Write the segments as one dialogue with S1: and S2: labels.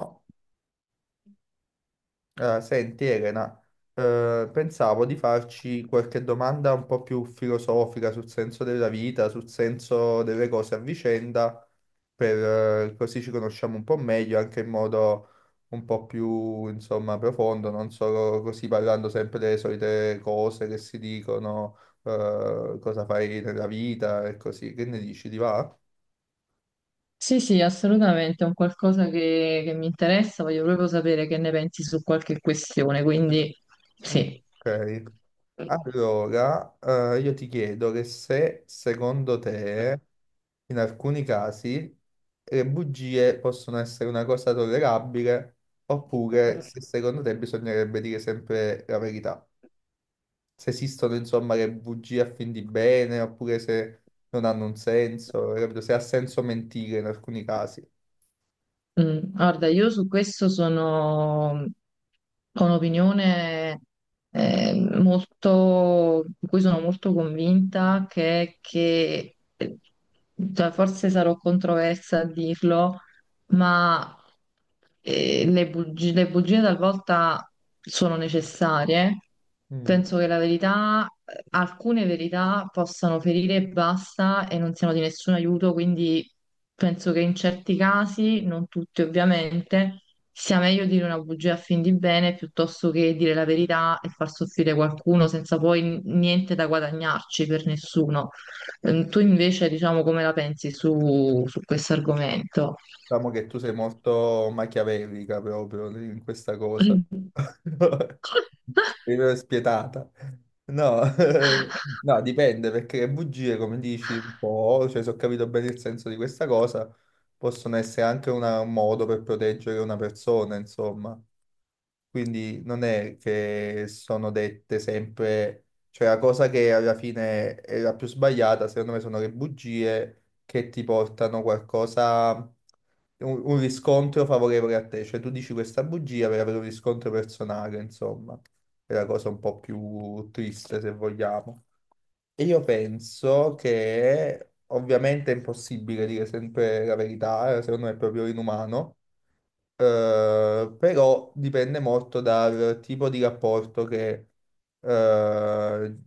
S1: No. Senti Elena, pensavo di farci qualche domanda un po' più filosofica sul senso della vita, sul senso delle cose a vicenda, per, così ci conosciamo un po' meglio, anche in modo un po' più, insomma, profondo, non solo così parlando sempre delle solite cose che si dicono, cosa fai nella vita e così. Che ne dici, ti va?
S2: Sì, sì, assolutamente, è un qualcosa che mi interessa, voglio proprio sapere che ne pensi su qualche questione, quindi
S1: Mm.
S2: sì.
S1: Ok, allora, io ti chiedo che se secondo te in alcuni casi le bugie possono essere una cosa tollerabile, oppure se secondo te bisognerebbe dire sempre la verità. Se esistono, insomma, le bugie a fin di bene, oppure se non hanno un senso, capito? Se ha senso mentire in alcuni casi.
S2: Mm, guarda, io su questo sono ho un'opinione eh, di cui sono molto convinta, è che cioè, forse sarò controversa a dirlo, ma le bugie talvolta sono necessarie.
S1: Mm.
S2: Penso che alcune verità possano ferire e basta e non siano di nessun aiuto, quindi penso che in certi casi, non tutti ovviamente, sia meglio dire una bugia a fin di bene piuttosto che dire la verità e far soffrire qualcuno senza poi niente da guadagnarci per nessuno. Tu invece, diciamo, come la pensi su questo argomento?
S1: Diciamo che tu sei molto machiavellica proprio in questa cosa.
S2: Sì,
S1: Sei proprio spietata. No, no, dipende perché le bugie, come dici, un po', cioè se ho capito bene il senso di questa cosa, possono essere anche un modo per proteggere una persona, insomma. Quindi non è che sono dette sempre, cioè la cosa che alla fine è la più sbagliata, secondo me, sono le bugie che ti portano qualcosa, un riscontro favorevole a te. Cioè tu dici questa bugia per avere un riscontro personale, insomma, è la cosa un po' più triste, se vogliamo. E io penso che ovviamente è impossibile dire sempre la verità, secondo me è proprio inumano. Però dipende molto dal tipo di rapporto eh,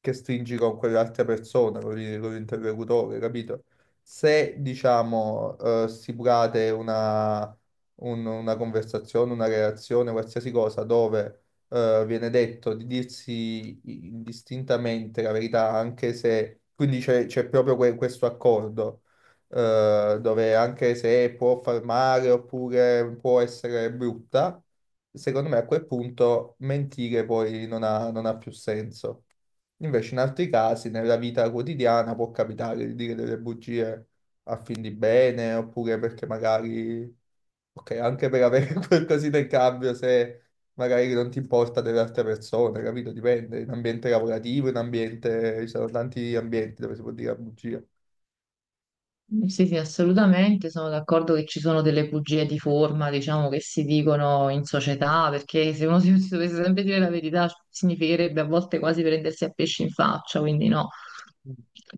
S1: che stringi con quell'altra persona, con con l'interlocutore, capito? Se, diciamo, stipulate una conversazione, una relazione, qualsiasi cosa, viene detto di dirsi indistintamente la verità, anche se, quindi c'è proprio questo accordo dove anche se può far male oppure può essere brutta, secondo me a quel punto mentire poi non ha più senso. Invece in altri casi, nella vita quotidiana, può capitare di dire delle bugie a fin di bene, oppure perché magari, ok, anche per avere qualcosina in cambio, se magari non ti importa delle altre persone, capito? Dipende, in ambiente lavorativo, in ambiente, ci sono tanti ambienti dove si può dire la bugia.
S2: sì, sì, assolutamente, sono d'accordo che ci sono delle bugie di forma, diciamo, che si dicono in società, perché se uno si dovesse sempre dire la verità, significherebbe a volte quasi prendersi a pesci in faccia, quindi no.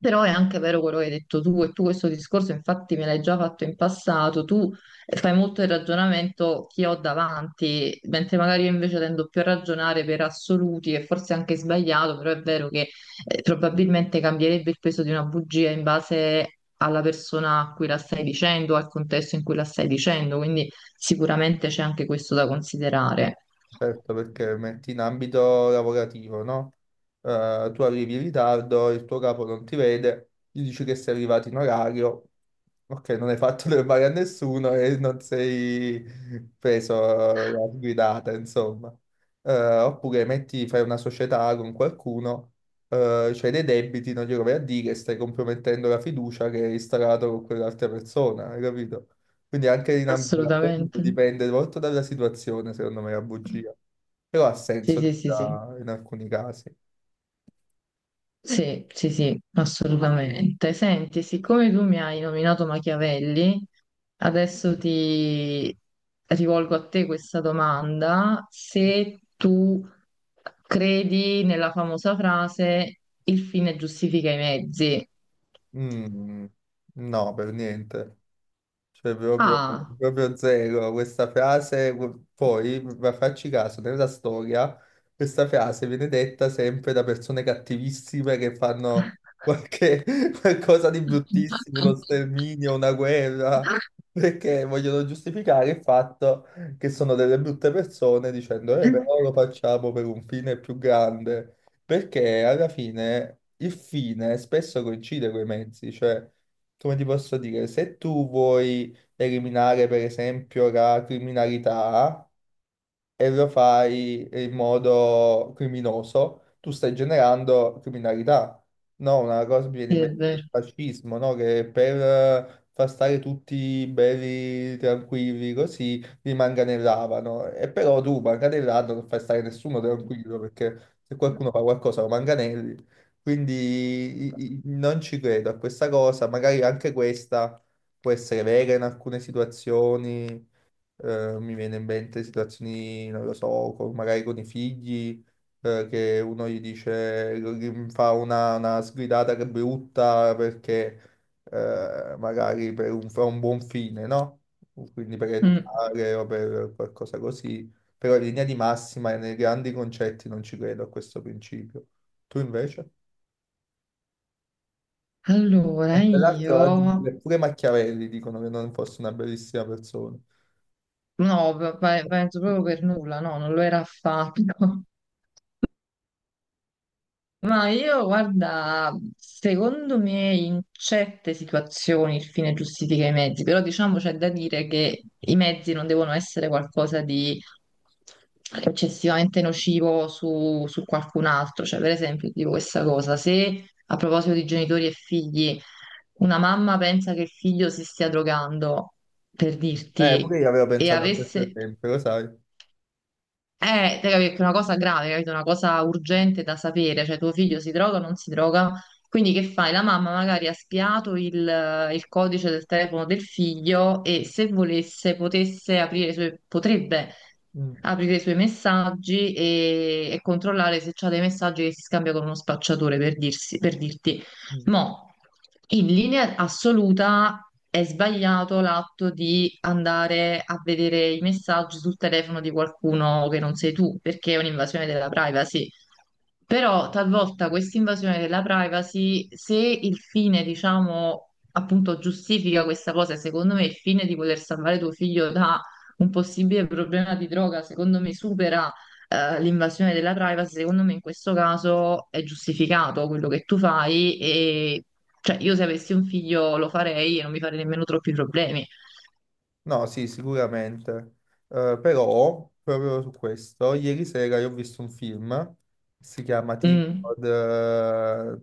S2: Però è anche vero quello che hai detto tu, e tu questo discorso infatti me l'hai già fatto in passato, tu fai molto il ragionamento che ho davanti, mentre magari io invece tendo più a ragionare per assoluti, e forse anche sbagliato, però è vero che probabilmente cambierebbe il peso di una bugia in base alla persona a cui la stai dicendo, al contesto in cui la stai dicendo, quindi sicuramente c'è anche questo da considerare.
S1: Certo, perché metti in ambito lavorativo, no? Tu arrivi in ritardo, il tuo capo non ti vede, gli dici che sei arrivato in orario, ok, non hai fatto del male a nessuno e non sei preso la guidata, insomma. Eh, Oppure metti, fai una società con qualcuno, c'hai dei debiti, non glielo vai a dire, stai compromettendo la fiducia che hai instaurato con quell'altra persona, hai capito? Quindi anche in ambito lavorativo
S2: Assolutamente.
S1: dipende molto dalla situazione, secondo me, la bugia. Però ha
S2: Sì,
S1: senso
S2: sì, sì, sì.
S1: in alcuni casi.
S2: Sì, sì, sì, assolutamente. Senti, siccome tu mi hai nominato Machiavelli, adesso ti rivolgo a te questa domanda. Se tu credi nella famosa frase il fine giustifica i mezzi.
S1: Mm, no, per niente. Cioè, proprio,
S2: Ah,
S1: proprio zero questa frase. Poi, ma facci caso, nella storia questa frase viene detta sempre da persone cattivissime che fanno qualche, qualcosa di bruttissimo, uno sterminio, una guerra, perché vogliono giustificare il fatto che sono delle brutte persone dicendo, però lo facciamo per un fine più grande, perché alla fine il fine spesso coincide con i mezzi, cioè come ti posso dire, se tu vuoi eliminare per esempio la criminalità, e lo fai in modo criminoso, tu stai generando criminalità. No, una cosa mi viene
S2: sì,
S1: in
S2: è
S1: mente
S2: vero.
S1: il fascismo, no? Che per far stare tutti belli, tranquilli, così li manganellavano. E però tu manganellando non fai stare nessuno tranquillo, perché se qualcuno fa qualcosa lo manganelli. Quindi non ci credo a questa cosa, magari anche questa può essere vera in alcune situazioni. Mi viene in mente situazioni, non lo so, magari con i figli, che uno gli dice, gli fa una sgridata che è brutta perché magari per un, fa un buon fine, no? Quindi per
S2: Mm.
S1: educare o per qualcosa così. Però in linea di massima e nei grandi concetti non ci credo a questo principio. Tu invece?
S2: Allora,
S1: E tra l'altro oggi
S2: io
S1: pure Machiavelli dicono che non fosse una bellissima persona.
S2: no, penso proprio per nulla, no, non lo era affatto. Ma io, guarda, secondo me in certe situazioni il fine giustifica i mezzi, però diciamo c'è da dire che i mezzi non devono essere qualcosa di eccessivamente nocivo su qualcun altro. Cioè, per esempio, ti dico questa cosa, se a proposito di genitori e figli, una mamma pensa che il figlio si stia drogando, per
S1: Pure
S2: dirti,
S1: io avevo
S2: e
S1: pensato a questo
S2: avesse...
S1: sempre, lo sai.
S2: Che è una cosa grave, capito? Una cosa urgente da sapere, cioè tuo figlio si droga o non si droga? Quindi che fai? La mamma magari ha spiato il codice del telefono del figlio e se volesse potesse aprire i suoi, potrebbe
S1: Mm,
S2: aprire i suoi messaggi e controllare se c'ha dei messaggi che si scambia con uno spacciatore per dirti.
S1: mm.
S2: Mo, in linea assoluta è sbagliato l'atto di andare a vedere i messaggi sul telefono di qualcuno che non sei tu, perché è un'invasione della privacy. Però talvolta questa invasione della privacy, se il fine, diciamo, appunto giustifica questa cosa, e secondo me il fine di voler salvare tuo figlio da un possibile problema di droga, secondo me supera l'invasione della privacy, secondo me in questo caso è giustificato quello che tu fai e cioè io se avessi un figlio lo farei e non mi farei nemmeno troppi problemi.
S1: No, sì, sicuramente. Però, proprio su questo, ieri sera io ho visto un film, si chiama
S2: Mm.
S1: tipo The-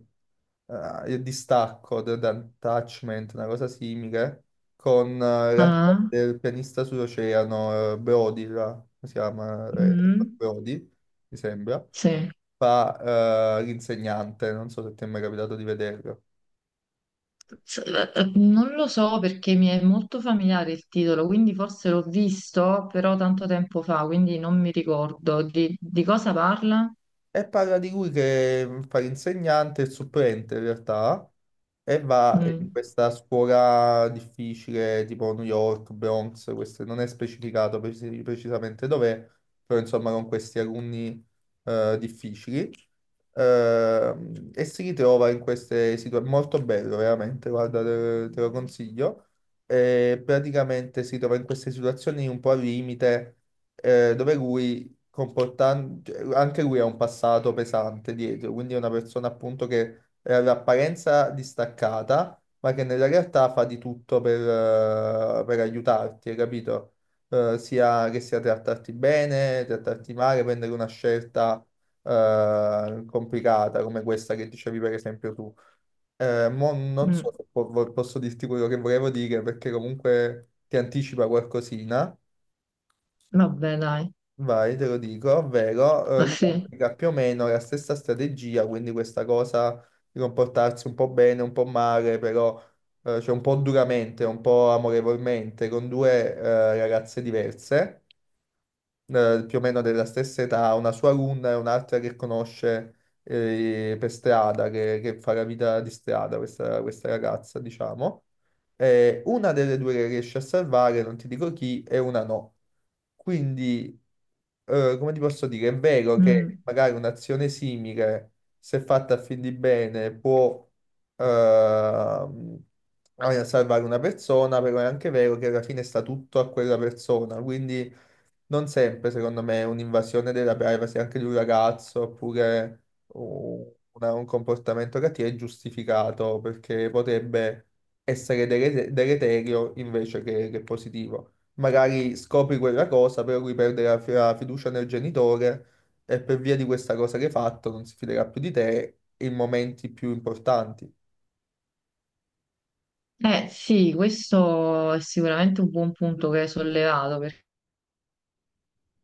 S1: eh, Il distacco, The Attachment, una cosa simile, con l'attore
S2: Ah.
S1: del pianista sull'oceano, Brody, là, come si chiama?
S2: Mm.
S1: Brody, mi sembra,
S2: Sì.
S1: fa l'insegnante, non so se ti è mai capitato di vederlo.
S2: Non lo so perché mi è molto familiare il titolo, quindi forse l'ho visto, però tanto tempo fa, quindi non mi ricordo di cosa parla.
S1: E parla di lui che fa l'insegnante, il supplente in realtà, e va in
S2: Mm,
S1: questa scuola difficile, tipo New York, Bronx, non è specificato precisamente dov'è, però insomma con questi alunni difficili. E si ritrova in queste situazioni, molto bello veramente, guarda, te, te lo consiglio. E praticamente si trova in queste situazioni un po' al limite, dove lui comportante, anche lui ha un passato pesante dietro, quindi è una persona appunto che è all'apparenza distaccata, ma che nella realtà fa di tutto per aiutarti, hai capito? Sia che sia trattarti bene, trattarti male, prendere una scelta complicata come questa che dicevi per esempio tu. Mo non
S2: mm,
S1: so se posso dirti quello che volevo dire perché comunque ti anticipa qualcosina.
S2: vabbè, dai,
S1: Vai, te lo dico, ovvero
S2: Ah,
S1: Vai. Lui
S2: sì.
S1: applica più o meno la stessa strategia, quindi questa cosa di comportarsi un po' bene, un po' male, però cioè un po' duramente, un po' amorevolmente, con due ragazze diverse, più o meno della stessa età, una sua alunna e un'altra che conosce per strada, che fa la vita di strada, questa ragazza, diciamo. Una delle due che riesce a salvare, non ti dico chi, e una no. Quindi come ti posso dire, è vero
S2: Mm.
S1: che magari un'azione simile, se fatta a fin di bene, può ehm, salvare una persona, però è anche vero che alla fine sta tutto a quella persona, quindi non sempre, secondo me, un'invasione della privacy anche di un ragazzo oppure un comportamento cattivo è giustificato perché potrebbe essere deleterio invece che positivo magari scopri quella cosa, però lui perde la, la fiducia nel genitore e per via di questa cosa che hai fatto non si fiderà più di te in momenti più importanti.
S2: Eh sì, questo è sicuramente un buon punto che hai sollevato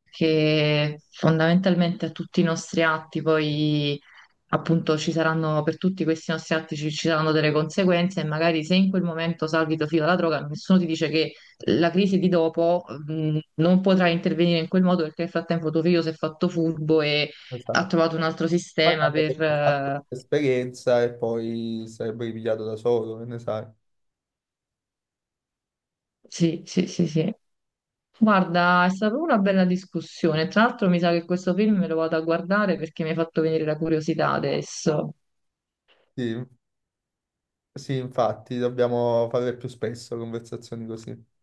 S2: perché fondamentalmente a tutti i nostri atti poi appunto ci saranno per tutti questi nostri atti ci saranno delle conseguenze e magari se in quel momento salvi tuo figlio dalla droga, nessuno ti dice che la crisi di dopo non potrà intervenire in quel modo perché nel frattempo tuo figlio si è fatto furbo e ha
S1: Esatto.
S2: trovato un altro sistema
S1: Magari
S2: per...
S1: avrebbe fatto l'esperienza e poi sarebbe ripigliato da solo, che ne sai.
S2: Sì, sì, sì, sì. Guarda, è stata una bella discussione. Tra l'altro mi sa che questo film me lo vado a guardare perché mi ha fatto venire la curiosità adesso.
S1: Sì, sì, infatti, dobbiamo fare più spesso conversazioni così.